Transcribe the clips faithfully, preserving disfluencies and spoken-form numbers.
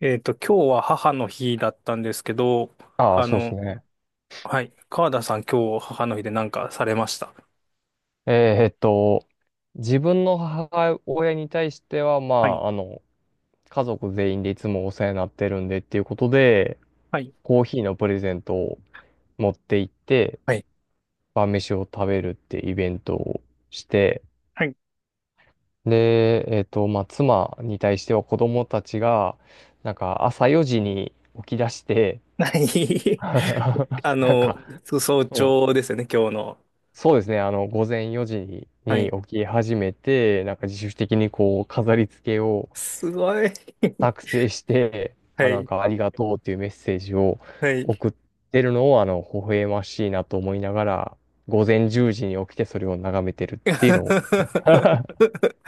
えっと、今日は母の日だったんですけど、ああ、あそうですの、ね。はい、川田さん今日母の日で何かされました？えーっと、自分の母親に対しては、まはい、あ、あの、家族全員でいつもお世話になってるんでっていうことで、はい、コーヒーのプレゼントを持って行って、はい。晩飯を食べるってイベントをして、はい。で、えーっと、まあ、妻に対しては子供たちが、なんか朝よじに起き出して、は い。なあんか、の、そう早うん朝ですよね、今日の。そうですね。あの、午前よじはにい。起き始めて、なんか自主的にこう、飾り付けをすごい。作成して、はあ、なんい、かありがとうっていうメッセージをはい。送ってるのを、あの、微笑ましいなと思いながら、午前じゅうじに起きてそれを眺めてるっていうのを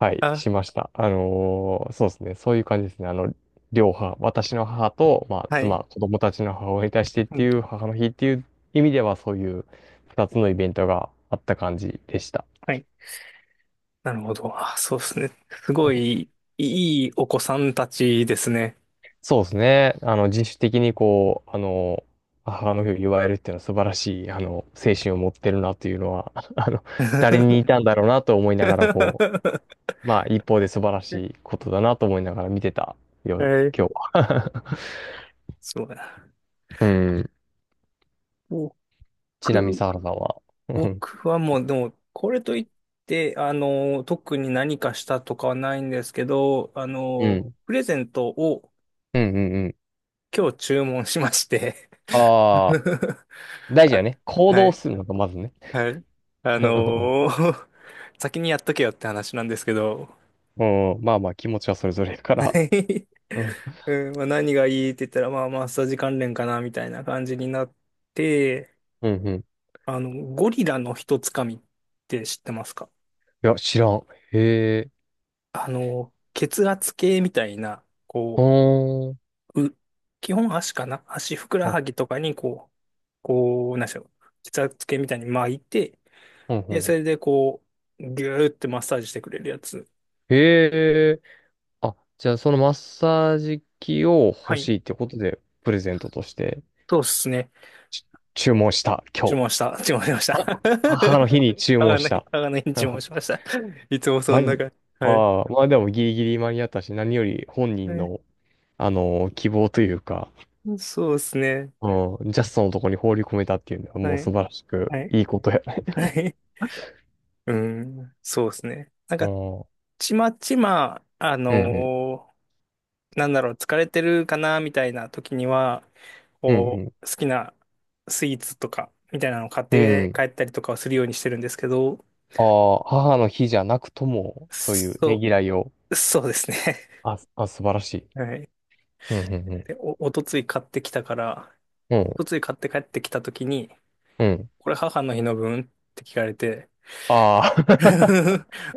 はい、あ、しました。あのーそうですね。そういう感じですね。あの、両母、私の母と、まあ、はい。妻、子供たちの母親に対してっうていん、う、母の日っていう意味では、そういうふたつのイベントがあった感じでした。はい。なるほど。あ、そうですね。すご い、いいお子さんたちですね。そうですね。あの、自主的にこう、あの、母の日を祝えるっていうのは素晴らしい、あの、精神を持ってるなというのは、あの、誰に似 はたんだろうなと思いながら、こう、まあ、一方で素晴らしいことだなと思いながら見てたよ、今い。日は。そうだ。うん。僕、ちなみに、サ原さんは？うん。僕はもう、でも、これといって、あの、特に何かしたとかはないんですけど、あうの、ん。プレゼントをうん。うんうん。今日注文しまして。 ああ、大事あ、やね。行は動い、するのがまずね。はい。あ うん。の、 先にやっとけよって話なんですけど、うんまあまあ、気持ちはそれぞれだから。うん。うん、まあ、何がいいって言ったら、まあ、マッサージ関連かな、みたいな感じになって、うん。うん。いあの、ゴリラの一つかみって知ってますか？や、知らん。へえ。あの、血圧計みたいな、こう、ほーん。う、基本足かな、足ふくらはぎとかにこう、こう、なんでしょう。血圧計みたいに巻いて、ほんほで、んほそん。れでこう、ぎゅーってマッサージしてくれるやつ。へえ。あ、じゃあそのマッサージ機をは欲い。しいってことで、プレゼントとしてそうですね。ち注文した、今注日。文した。注文しました。は、母の日に 注あ文がしなた。い、あがないに注文 しました。いつもそま、あんな感じ。はい。あ、まあでもギリギリ間に合ったし、何より本は人い、の、あのー希望というか、そうですね。うん、ジャストのとこに放り込めたっていうのはもはうい。素晴らしくはい。いいことやね。はい。うん。そうですね。なん うか、ん、うん、ちまちま、あうん、のーなんだろう、疲れてるかなみたいな時には、うこん、う、好きなスイーツとか、みたいなのを買っうん。うて帰ん。ったりとかをするようにしてるんですけど、ああ、母の日じゃなくとも、そういうねそぎらいを、う、そうですね。あ、あ、素晴らしい。はい。うん、うん、で、お、おとつい買ってきたから、うおん。とつい買って帰ってきた時に、うん、うん。これ母の日の分って聞かれて、あ あ、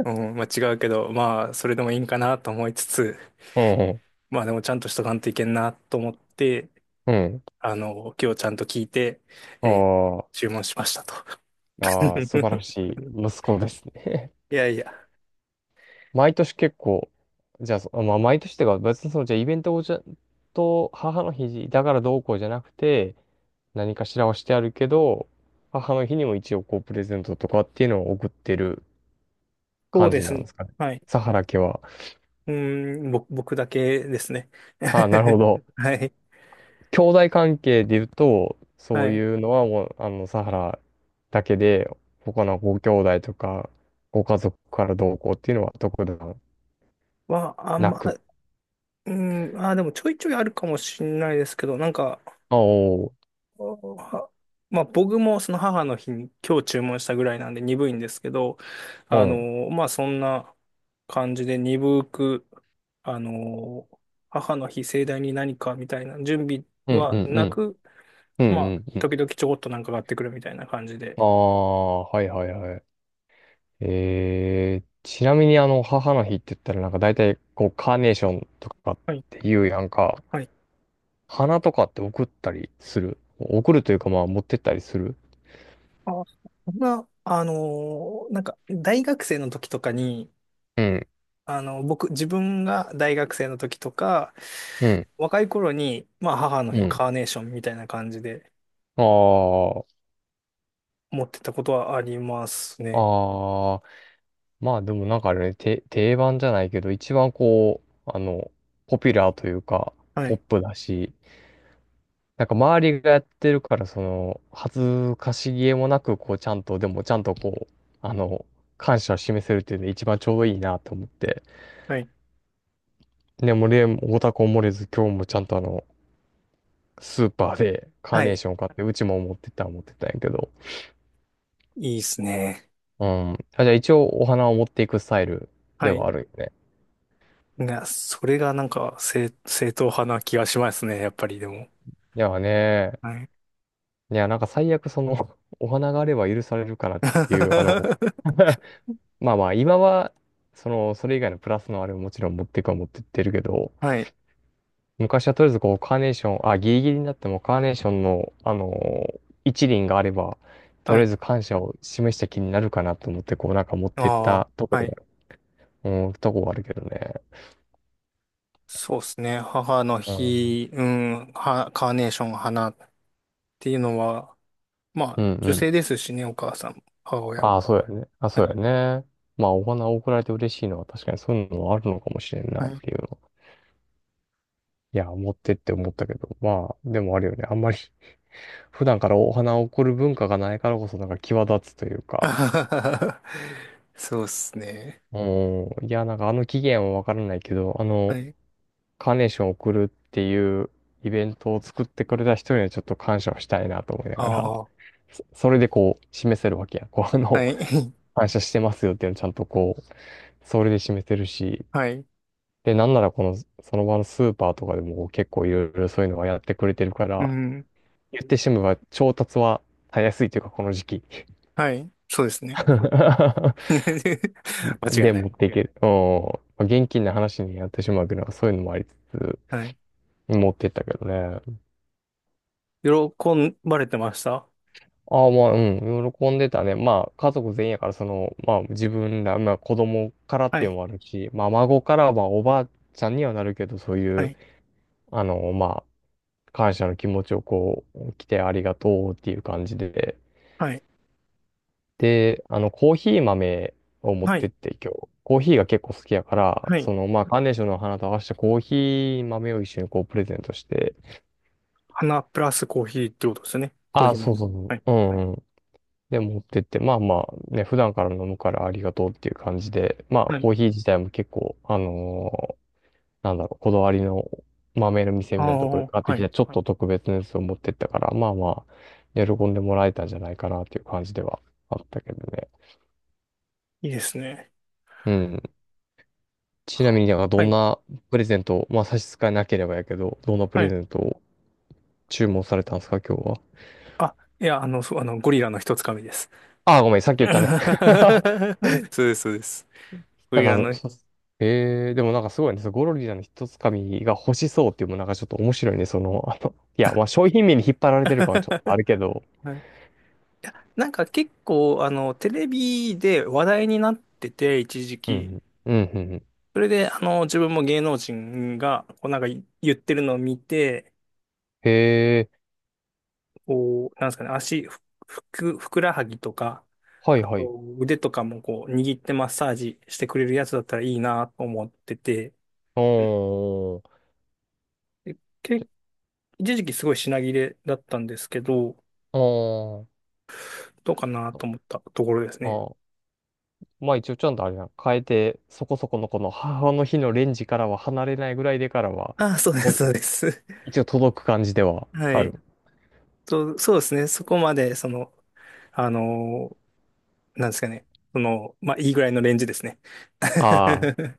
うん、まあ違うけど、まあそれでもいいんかなと思いつつ、うん、うん、まあでもちゃんとしとかんといけんなと思って、うん。あの、今日ちゃんと聞いて、あえーー注文しましたと。あー、素晴ら しい息子ですね。いやいや、毎年結構、じゃあ、そまあ、毎年っていうか、別にその、じゃあイベントをじゃ、と、母の日だからどうこうじゃなくて、何かしらはしてあるけど、母の日にも一応こう、プレゼントとかっていうのを送ってるそう感でじすなんね。ですかね。はい。サハラ家は？うーん、ぼ、僕だけですね。ああ、なるほ ど。はい。兄弟関係で言うと、そはうい。いうのはもう、あの、サハラだけで、他のご兄弟とか、ご家族からどうこうっていうのは特段は、あんなま、く。うーん、あー、でもちょいちょいあるかもしれないですけど、なんか、あおは、まあ僕もその母の日に今日注文したぐらいなんで鈍いんですけど、うあん、うん、の、まあそんな感じで鈍く、あの、母の日盛大に何かみたいな準備うん、はうん、うなん、く、うまあん。うん。時々ちょこっとなんか買ってくるみたいな感じあで。あ、はいはいはい。えー、ちなみにあの、母の日って言ったらなんか大体、こう、カーネーションとかっていうやんか、はい。花とかって送ったりする。送るというかまあ、持ってったりする。あ、そんな、あのーなんか、大学生の時とかに、うん、あの、僕、自分が大学生の時とか、うん、若い頃に、まあ、母のう日、ん。カーネーションみたいな感じであ思ってたことはありますあ、ね。ああ、まあでもなんかあれね、て定番じゃないけど、一番こう、あの、ポピュラーというか、はポッい。プだし、なんか周りがやってるから、その、恥ずかしげもなく、こう、ちゃんと、でもちゃんとこう、あの、感謝を示せるっていうのが一番ちょうどいいなと思って。はい。でもね、俺オタクも漏れず、今日もちゃんとあの、スーパーでカーはネーい。ション買って、うちも持ってったら持ってったんやけど。いいですね。うん。あ、じゃあ一応お花を持っていくスタイルはでい。はあるよね。が、それがなんか、正、正統派な気がしますね、やっぱりでも。いやね、はい。いや、なんか最悪その、お花があれば許されるかなっていう、あの、まあまあ、今は、その、それ以外のプラスのあれももちろん持っていくは持ってってるけど、はい。昔はとりあえずこう、カーネーション、あ、ギリギリになってもカーネーションの、あの、一輪があれば、とはりあえい。ず感謝を示した気になるかなと思って、こう、なんか持ってっああ、たとこはい。ろ、うん、とこがあるけどね。そうですね。母のうん。日、うん、は、カーネーション、花ていうのは、まうあ、んう女性ん。ですしね、お母さんも、母親あも。あ、そうやね。あ、はそうやい。ね。まあ、お花を贈られて嬉しいのは確かにそういうのもあるのかもしれんなはっい。ていう。いや、持ってって思ったけど、まあ、でもあるよね。あんまり 普段からお花を贈る文化がないからこそ、なんか際立つという あか、はははそうっすね。うん、いや、なんかあの期限はわからないけど、あはの、い。カーネーションを贈るっていうイベントを作ってくれた人にはちょっと感謝をしたいなと思いなあがら、あ。そそれでこう、示せるわけや。こう、あの、はい。感謝してますよっていうのをちゃんとこう、それで示せるし、はい。で、なんならこの、その場のスーパーとかでも結構いろいろそういうのはやってくれてるかうら、ん。言ってしまえば調達はたやすいというか、この時期。はい。そうですね。間違で、いな持っい。ていける。うん。まあ現金な話になってしまうけど、そういうのもありつつ、はい。持ってったけどね。喜ばれてました？ああ、まあ、うん、喜んでたね。まあ、家族全員やから、その、まあ、自分ら、まあ、子供からっはていうい。のもあるし、まあ、孫からはおばあちゃんにはなるけど、そうはいう、い。あの、まあ、感謝の気持ちをこう、来てありがとうっていう感じで、はい。で、あの、コーヒー豆を持っはてっい。て今日、コーヒーが結構好きやから、はい。その、まあ、カーネーションの花と合わせてコーヒー豆を一緒にこうプレゼントして、花プラスコーヒーってことですね。コーあヒあ、そうー。そうそはい。う、うんうん。で、持ってって、まあまあ、ね、普段から飲むからありがとうっていう感じで、まあ、はコい。ーヒー自体も結構、あのーなんだろう、こだわりの豆の店あみたいなところであ、買ってはきい。た、ちょっと特別なやつを持ってったから、まあまあ、喜んでもらえたんじゃないかなっていう感じではあったけどね。いいですね。うん。ちなは、みに、なんかどはんい。なプレゼント、まあ差し支えなければやけど、どんなプはレい。ゼントを注文されたんですか、今日は。あ、いや、あの、そう、あの、ゴリラの一つかみです。ああ、ごめん、さっき言ったね。うん。そうです、そうです。こうないうあんか、の、そそ えー、でもなんかすごいね、そのゴロリラの一つかみが欲しそうっていうのもなんかちょっと面白いね、その、あの、いや、まあ商品名に引っ張られてる感はちょっとあるけど、はい、いや、なんか結構、あの、テレビで話題になってて、一時う期。ん、うん、うん、うん。それで、あの、自分も芸能人が、こうなんか言ってるのを見て、へえ、こう、なんですかね、足、ふ、ふく、ふくらはぎとか、はい、あはい。と腕とかもこう、握ってマッサージしてくれるやつだったらいいなと思ってて、うん、おー、で、け、じ一時期すごい品切れだったんですけど、ゃ、おー、どうかなと思ったところですね。あ、まあ一応ちゃんとあれやん、変えて、そこそこのこの母の日のレンジからは離れないぐらいでからは、あ、そうです、とそうです。一応届く感じでははある。い。と、そうですね。そこまで、その、あのーなんですかね。その、まあ、いいぐらいのレンジですね。ああ、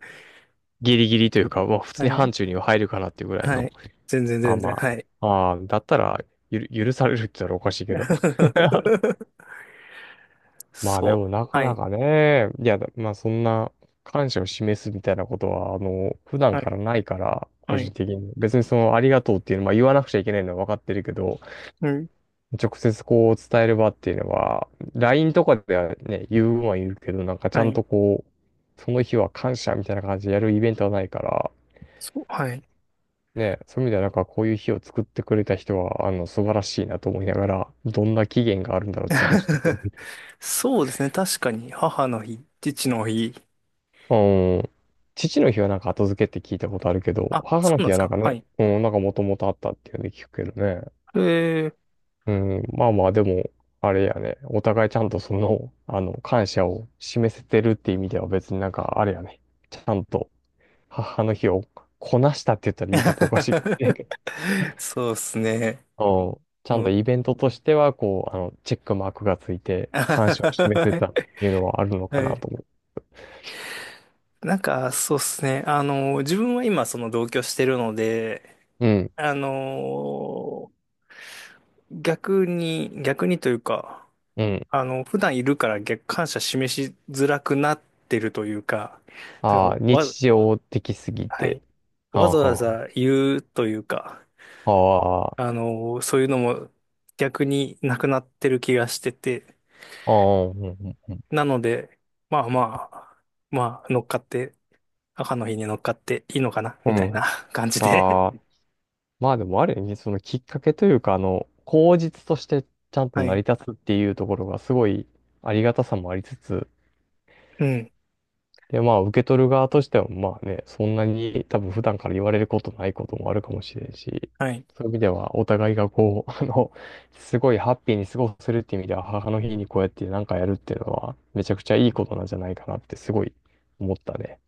ギリギリというか、まあ普は通に範い。疇には入るかなっていうぐらいはの。い。全然、ああ全然。まはい。あ、ああ、だったらゆる、許されるって言ったらおかしいけど。まあそでもなう。かはない。かね、いや、まあそんな感謝を示すみたいなことは、あの、普段はかい。らないから、個は人い。的に。別にその、ありがとうっていうのは、まあ言わなくちゃいけないのは分かってるけど、うん。直接こう伝える場っていうのは、ライン とかではね、言うは言うけど、なんかちゃはんい。とこう、その日は感謝みたいな感じでやるイベントはないから、そう。はい。ね、そういう意味ではなんかこういう日を作ってくれた人は、あの、素晴らしいなと思いながら、どんな期限があるんだろうってなんかちょっと気に なる、そうですね。確かに、母の日、父の日。うん。父の日はなんか後付けって聞いたことあるけど、あ、母そのうなん日ですはなんか。かはね、い。うん、なんかもともとあったっていうので聞くけどね。えー。うん、まあまあ、でも、あれやね。お互いちゃんとその、あの、感謝を示せてるっていう意味では別になんか、あれやね。ちゃんと、母の日をこなしたって言ったら言い方おかしいかもしれん けど。そうですね。うん。ちゃんうとイん。ベントとしては、こう、あの、チェックマークがついて、感謝を示せはたっていうのはあるのかない。と思う。なんか、そうですね。あの、自分は今、その同居してるので、うん、あの、逆に、逆にというか、うん。あの、普段いるから逆、感謝示しづらくなってるというか、なんあか、あ、わ、日常的すぎはて。い。あわあ、ざわあざ言うというか、あ、ああの、そういうのも逆になくなってる気がしてて、あ、うん、うん、うなので、まあまあ、まあ、乗っかって、母の日に乗っかっていいのかな、みたいん。うなん。感じで。ああ、まあでもある意味、そのきっかけというか、あの、口実としてちゃん はと成い。り立つっていうところがすごいありがたさもありつつ、うん。で、まあ受け取る側としては、まあね、そんなに多分普段から言われることないこともあるかもしれんし、はい。そういう意味ではお互いがこう、あの、すごいハッピーに過ごせるっていう意味では、母の日にこうやってなんかやるっていうのは、めちゃくちゃいいことなんじゃないかなってすごい思ったね。